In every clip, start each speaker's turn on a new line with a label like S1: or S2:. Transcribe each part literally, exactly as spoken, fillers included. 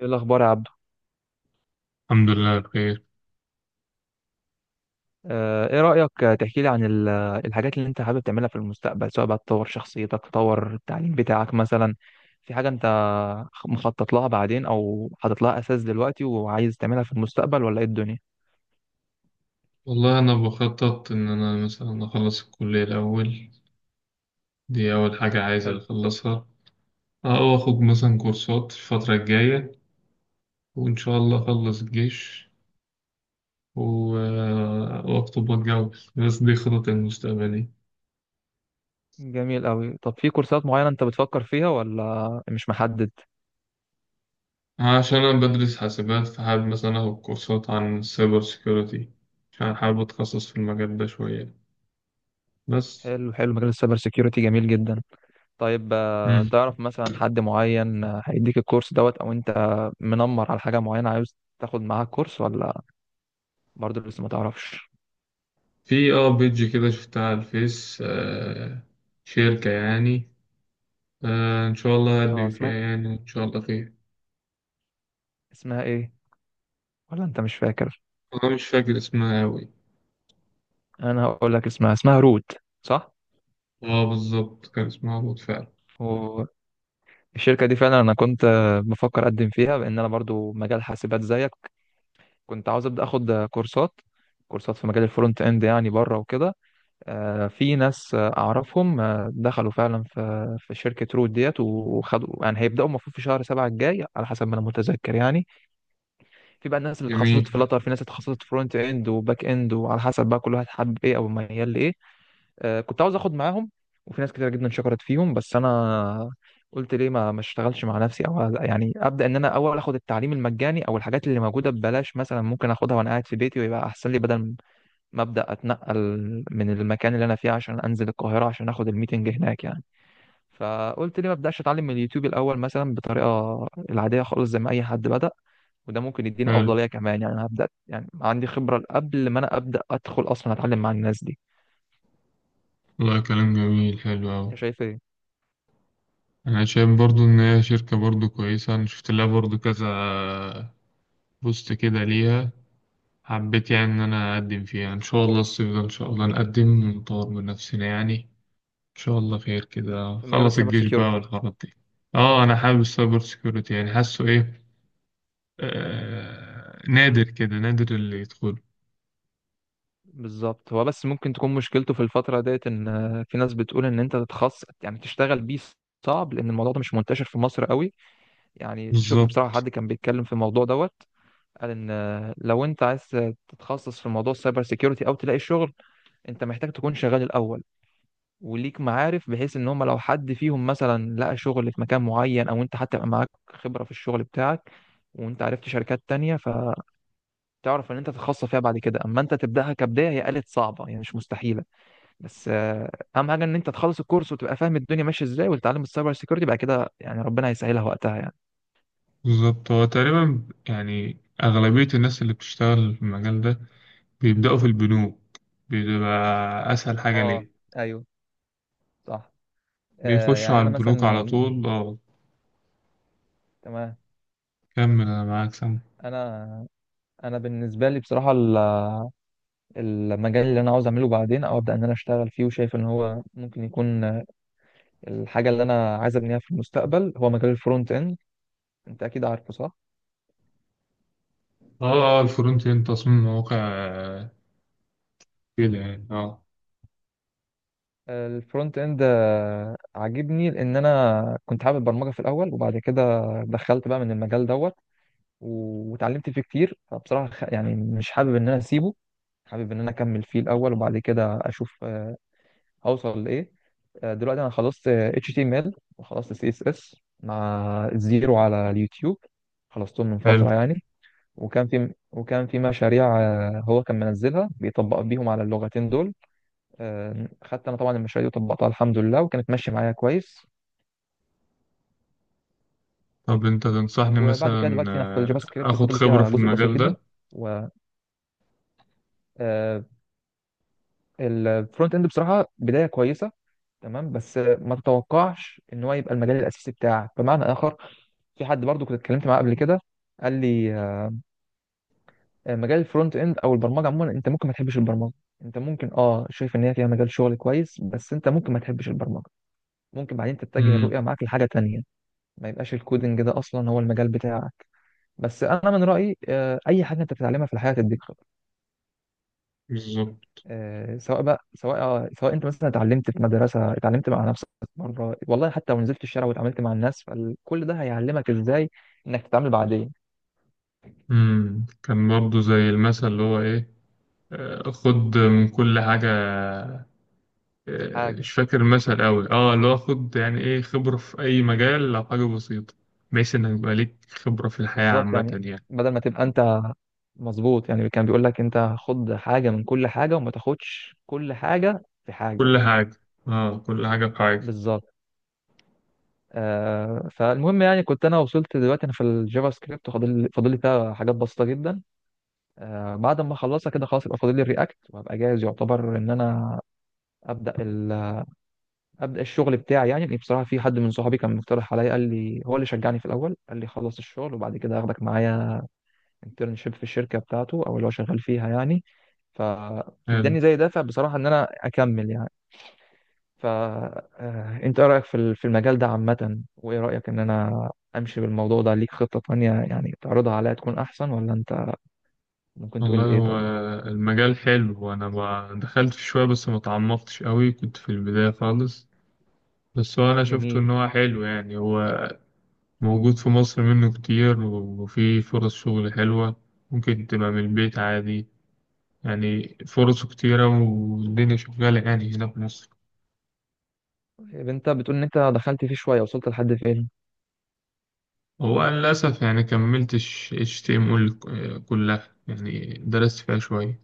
S1: ايه الاخبار يا عبدو؟
S2: الحمد لله بخير.
S1: آه، ايه رايك تحكي لي عن ال- الحاجات اللي انت حابب تعملها في المستقبل، سواء بقى تطور شخصيتك، تطور التعليم بتاعك مثلا؟ في حاجه انت مخطط لها بعدين او حاطط لها اساس دلوقتي وعايز تعملها في المستقبل، ولا ايه الدنيا؟
S2: والله أنا بخطط إن أنا مثلا أخلص الكلية الأول، دي أول حاجة عايز
S1: حلو.
S2: أخلصها. أو أخد مثلا كورسات الفترة الجاية، وإن شاء الله أخلص الجيش و... آه، وأخطب وأتجوز، بس دي خططي المستقبلية.
S1: جميل قوي. طب في كورسات معينه انت بتفكر فيها ولا مش محدد؟
S2: عشان أنا بدرس حاسبات، فحابب مثلا أخد كورسات عن السايبر سيكيورتي، عشان حابب أتخصص في المجال ده شوية بس.
S1: حلو حلو، مجال السايبر سيكيورتي جميل جدا. طيب آه،
S2: مم.
S1: تعرف مثلا حد معين آه، هيديك الكورس دوت، او انت منمر على حاجه معينه عاوز تاخد معاها كورس، ولا برضه لسه ما تعرفش؟
S2: في اه بيج كده شفتها على الفيس. آه شركة يعني. آه، إن شاء الله
S1: اه،
S2: هقابلك فيها،
S1: اسمها
S2: يعني إن شاء الله خير.
S1: اسمها ايه، ولا انت مش فاكر؟
S2: أنا مش فاكر اسمها أوي.
S1: انا هقول لك اسمها، اسمها روت، صح؟
S2: أه بالظبط، كان اسمها بود فعلا.
S1: والشركه دي فعلا انا كنت آه، بفكر اقدم فيها، لان انا برضو مجال حاسبات زيك. كنت عاوز ابدا اخد آه، كورسات، كورسات في مجال الفرونت اند يعني، بره وكده. آه، في ناس آه، اعرفهم آه، دخلوا فعلا في في شركه روت ديت وخدوا، يعني هيبداوا المفروض في شهر سبعة الجاي على حسب ما انا متذكر يعني. في بقى الناس اللي
S2: جميل،
S1: اتخصصت في لاتر، في ناس اتخصصت فرونت اند وباك اند، وعلى حسب بقى كل واحد حابب ايه او ميال لايه. آه، كنت عاوز اخد معاهم، وفي ناس كتير جدا شكرت فيهم، بس انا قلت ليه ما ما اشتغلش مع نفسي، او يعني ابدا ان انا اول اخد التعليم المجاني او الحاجات اللي موجوده ببلاش مثلا، ممكن اخدها وانا قاعد في بيتي ويبقى احسن لي، بدل ما ابدا اتنقل من المكان اللي انا فيه عشان انزل القاهره عشان اخد الميتنج هناك يعني. فقلت ليه ما ابداش اتعلم من اليوتيوب الاول مثلا بطريقه العاديه خالص زي ما اي حد بدا، وده ممكن يديني
S2: حلو.
S1: افضليه كمان يعني، انا هبدا يعني عندي خبره قبل ما انا ابدا ادخل اصلا اتعلم مع الناس دي.
S2: والله كلام جميل، حلو أوي.
S1: انت شايف ايه؟
S2: أنا شايف برضو إن هي شركة برضو كويسة، أنا شفت لها برضو كذا بوست كده ليها. حبيت يعني إن أنا أقدم فيها إن شاء الله الصيف ده، إن شاء الله نقدم ونطور من نفسنا يعني. إن شاء الله خير، كده
S1: في مجال
S2: خلص
S1: السايبر
S2: الجيش بقى
S1: سيكيورتي.
S2: والحوارات دي. أه أنا حابب السايبر سيكيورتي، يعني حاسه إيه، آه، نادر كده، نادر اللي يدخل.
S1: بالظبط. هو بس ممكن تكون مشكلته في الفترة ديت ان آه، في ناس بتقول ان انت تتخصص يعني تشتغل بيه صعب، لان الموضوع ده مش منتشر في مصر قوي. يعني شفت بصراحة
S2: بالظبط.
S1: حد كان بيتكلم في الموضوع دوت، قال ان آه، لو انت عايز تتخصص في موضوع السايبر سيكيورتي او تلاقي شغل، انت محتاج تكون شغال الاول، وليك معارف بحيث ان هم لو حد فيهم مثلا لقى شغل في مكان معين، او انت حتى يبقى معاك خبرة في الشغل بتاعك وانت عرفت شركات تانية، فتعرف ان انت تتخصص فيها بعد كده. اما انت تبدأها كبداية، هي قالت صعبة يعني، مش مستحيلة. بس آه، اهم حاجه ان انت تخلص الكورس وتبقى فاهم الدنيا ماشيه ازاي، وتتعلم السايبر سيكيورتي بعد كده، يعني ربنا هيسهلها وقتها يعني.
S2: بالظبط، هو تقريبا يعني أغلبية الناس اللي بتشتغل في المجال ده بيبدأوا في البنوك. بيبقى أسهل حاجة
S1: اه،
S2: ليه،
S1: ايوه، صح. آه
S2: بيخشوا
S1: يعني
S2: على
S1: انا
S2: البنوك على
S1: مثلا.
S2: طول. اه،
S1: تمام.
S2: كمل أنا معاك سامع.
S1: انا انا بالنسبه لي بصراحه ال- المجال اللي انا عاوز اعمله بعدين او ابدا ان انا اشتغل فيه وشايف ان هو ممكن يكون الحاجه اللي انا عايز ابنيها في المستقبل، هو مجال الفرونت اند. انت اكيد عارفه، صح؟
S2: اه اه، الفرونت اند تصميم مواقع آه، كده يعني اه.
S1: الفرونت اند عاجبني، لان انا كنت حابب البرمجه في الاول، وبعد كده دخلت بقى من المجال دوت، و- واتعلمت فيه كتير، فبصراحة خ- يعني مش حابب ان انا اسيبه، حابب ان انا اكمل فيه الاول وبعد كده اشوف آه، اوصل لايه. آه، دلوقتي انا خلصت آه، H T M L وخلصت C S S مع الزيرو على اليوتيوب، خلصتهم من
S2: حلو.
S1: فترة يعني. وكان في وكان في مشاريع آه، هو كان منزلها بيطبق بيهم على اللغتين دول. آه، خدت انا طبعا المشاريع دي وطبقتها الحمد لله وكانت ماشية معايا كويس.
S2: طب أنت تنصحني
S1: وبعد كده
S2: مثلا
S1: دلوقتي انا في
S2: آه،
S1: الجافا سكريبت،
S2: آخد
S1: فاضل لي
S2: خبرة
S1: فيها
S2: في
S1: جزء بسيط
S2: المجال ده؟
S1: جدا. الفرونت اند بصراحه بدايه كويسه، تمام، بس ما تتوقعش ان هو يبقى المجال الاساسي بتاعك بمعنى اخر. في حد برضو كنت اتكلمت معاه قبل كده، قال لي آه، مجال الفرونت اند او البرمجه عموما انت ممكن ما تحبش البرمجه، انت ممكن اه شايف ان هي فيها مجال شغل كويس بس انت ممكن ما تحبش البرمجه، ممكن بعدين تتجه الرؤيه
S2: امم
S1: معاك لحاجه تانية، ما يبقاش الكودنج ده اصلا هو المجال بتاعك. بس انا من رايي آه، اي حاجه انت بتتعلمها في الحياه تديك خبرة.
S2: بالظبط.
S1: آه، سواء بقى، سواء آه، سواء انت مثلا اتعلمت في مدرسه، اتعلمت مع نفسك مره، والله حتى لو نزلت الشارع واتعاملت مع الناس، فكل ده هيعلمك ازاي انك تتعامل بعدين.
S2: امم كان برضو زي المثل اللي هو إيه، آه، خد من كل حاجة. آه،
S1: حاجه.
S2: مش فاكر المثل أوي، اه اللي هو خد يعني ايه خبرة في أي مجال، لو حاجة بسيطة بحيث إنك يبقى ليك خبرة في الحياة
S1: بالظبط
S2: عامة
S1: يعني،
S2: يعني.
S1: بدل ما تبقى انت. مظبوط يعني، كان بيقول لك انت خد حاجه من كل حاجه وما تاخدش كل حاجه في حاجه.
S2: كل حاجة. اه، كل حاجة في حاجة.
S1: بالظبط. آه، فالمهم يعني، كنت انا وصلت دلوقتي انا في الجافا سكريبت، وفاضل فاضل لي فيها حاجات بسيطه جدا. آه بعد ما اخلصها كده خلاص، يبقى فاضل لي الرياكت، وهبقى جاهز يعتبر ان انا ابدا ال... ابدا الشغل بتاعي يعني. لأن بصراحه في حد من صحابي كان مقترح عليا، قال لي، هو اللي شجعني في الاول، قال لي خلص الشغل وبعد كده هاخدك معايا انترنشيب في الشركه بتاعته او اللي هو شغال فيها يعني.
S2: حلو.
S1: فاداني زي دافع بصراحه ان انا اكمل يعني. فانت ايه رايك في ال- في المجال ده عامه؟ وايه رايك ان انا امشي بالموضوع ده؟ ليك خطه تانية يعني تعرضها عليا تكون احسن، ولا انت ممكن تقول لي
S2: والله
S1: ايه؟
S2: هو
S1: طيب.
S2: المجال حلو، أنا ما دخلت فيه شوية بس ما تعمقتش أوي، كنت في البداية خالص. بس هو أنا شفته إن
S1: جميل.
S2: هو حلو، يعني هو موجود في مصر منه كتير، وفي فرص شغل حلوة، ممكن تبقى من البيت عادي. يعني فرصه كتيرة والدنيا شغالة يعني هنا في مصر.
S1: طيب انت بتقول ان انت دخلت فيه شويه، وصلت لحد فين؟
S2: هو أنا للأسف يعني كملتش H T M L كلها، يعني درست فيها شوية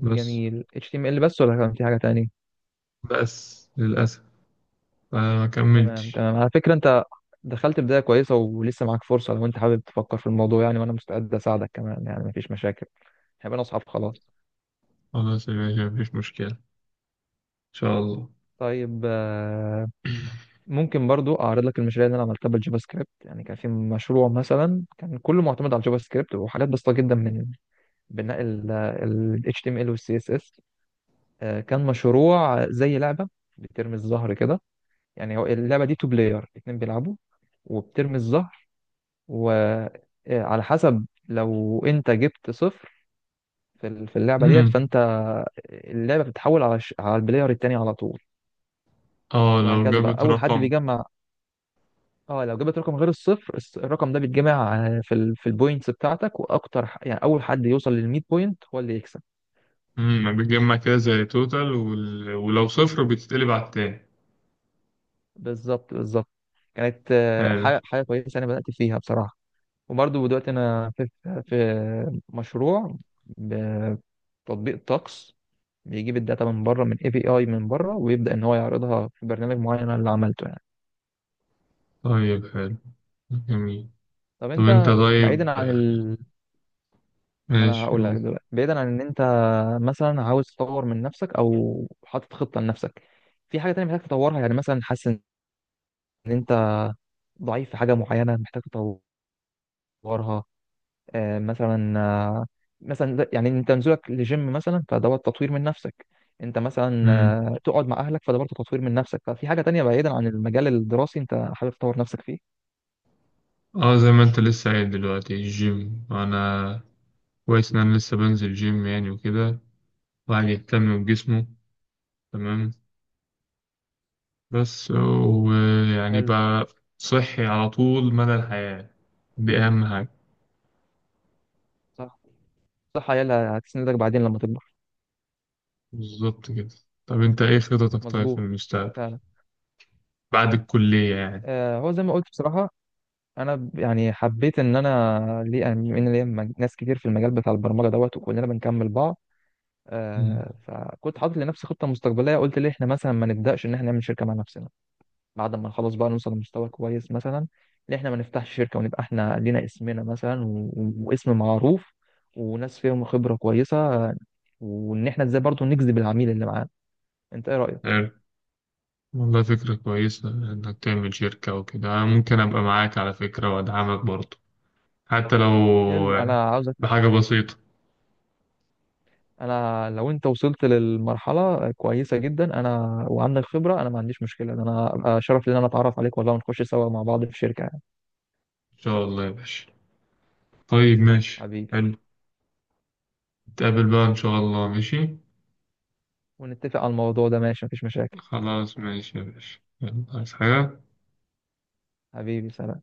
S2: بس.
S1: إتش تي إم إل بس ولا كان في حاجه تانية؟
S2: بس للأسف فما
S1: تمام
S2: كملتش.
S1: تمام، على فكرة انت دخلت بداية كويسة ولسه معاك فرصة لو انت حابب تفكر في الموضوع يعني، وانا مستعد اساعدك كمان يعني، مفيش مشاكل، هيبقى اصحاب خلاص.
S2: خلاص يا باشا مفيش مشكلة، إن شاء الله.
S1: طيب آه، ممكن برضو اعرض لك المشاريع اللي انا عملتها بالجافا سكريبت يعني. كان في مشروع مثلا كان كله معتمد على الجافا سكريبت وحاجات بسيطة جدا من بناء ال H T M L وال C S S. آه، كان مشروع زي لعبة بترمي الزهر كده، يعني هو اللعبة دي تو بلاير، اتنين بيلعبوا وبترمي الزهر، وعلى حسب لو انت جبت صفر في ال- في اللعبه ديت،
S2: مم.
S1: فانت اللعبه بتتحول على الش- على البلاير التاني على طول،
S2: اه لو
S1: وهكذا بقى
S2: جابت
S1: اول حد
S2: رقم.
S1: بيجمع. اه لو جبت رقم غير الصفر، الس- الرقم ده بيتجمع آه، في ال... في البوينتس بتاعتك، واكتر ح- يعني اول حد يوصل لل مية بوينت هو اللي يكسب.
S2: مم. بتجمع كده زي توتال وال... ولو صفر بتتقلب على التاني.
S1: بالظبط بالظبط. كانت آه،
S2: حلو.
S1: حاجه حاجه كويسه انا بدات فيها بصراحه. وبرضه دلوقتي انا في في مشروع تطبيق طقس، بيجيب الداتا من بره، من اي بي اي من بره، ويبدا ان هو يعرضها في برنامج معين، أنا اللي عملته يعني.
S2: طيب حلو، جميل.
S1: طب
S2: طب انت
S1: انت بعيدا
S2: طيب
S1: عن ال... انا
S2: ماشي.
S1: هقول لك دلوقتي، بعيدا عن ان انت مثلا عاوز تطور من نفسك او حاطط خطه لنفسك، في حاجه تانية محتاج تطورها؟ يعني مثلا حاسس ان انت ضعيف في حاجه معينه محتاج تطورها. آه، مثلا آه، مثلا ده- يعني انت نزولك لجيم مثلا فدوت تطوير من نفسك، انت مثلا
S2: قول.
S1: آه، تقعد مع اهلك فده برضه تطوير من نفسك. ففي حاجه تانية بعيدا عن المجال الدراسي انت حابب تطور نفسك فيه؟
S2: اه زي ما انت لسه قايل دلوقتي، الجيم انا كويس ان انا لسه بنزل جيم يعني وكده، الواحد يهتم بجسمه، تمام، بس ويعني
S1: حلو.
S2: بقى صحي على طول مدى الحياة، دي اهم حاجة.
S1: صح. صح، عيالها هتسندك بعدين لما تكبر.
S2: بالظبط كده. طب انت ايه خططك طيب في
S1: مظبوط،
S2: المستقبل
S1: فعلا.
S2: بعد الكلية يعني؟
S1: آه، هو زي ما قلت بصراحه، انا ب- يعني حبيت ان انا، ليه ان ليا مج- ناس كتير في المجال بتاع البرمجه دوت وكلنا بنكمل بعض.
S2: مم.
S1: آه، فكنت حاطط لنفسي خطه مستقبليه، قلت ليه احنا مثلا ما نبداش ان احنا نعمل شركه مع نفسنا؟ بعد ما نخلص بقى نوصل لمستوى كويس مثلا، ان احنا ما نفتحش شركه ونبقى احنا لينا اسمنا مثلا، و... و- واسم معروف، وناس فيهم خبره كويسه، وان احنا ازاي برضو نجذب العميل اللي معانا. انت ايه رايك؟
S2: حلو. والله فكرة كويسة انك تعمل شركة وكده، أنا ممكن ابقى معاك على فكرة وادعمك برضه حتى لو
S1: حلو. انا عاوزك.
S2: بحاجة بسيطة.
S1: انا لو انت وصلت للمرحله كويسه جدا، انا وعندك خبره، انا ما عنديش مشكله، انا ابقى شرف لي ان انا اتعرف عليك والله، ونخش سوا مع بعض في شركه يعني.
S2: ان شاء الله يا باشا. طيب ماشي
S1: حبيبي.
S2: حلو، نتقابل بقى إن شاء الله ماشي.
S1: ونتفق على الموضوع ده، ماشي، مفيش مشاكل.
S2: خلاص ماشي يا باشا، يلا عايز حاجة؟
S1: حبيبي، سلام.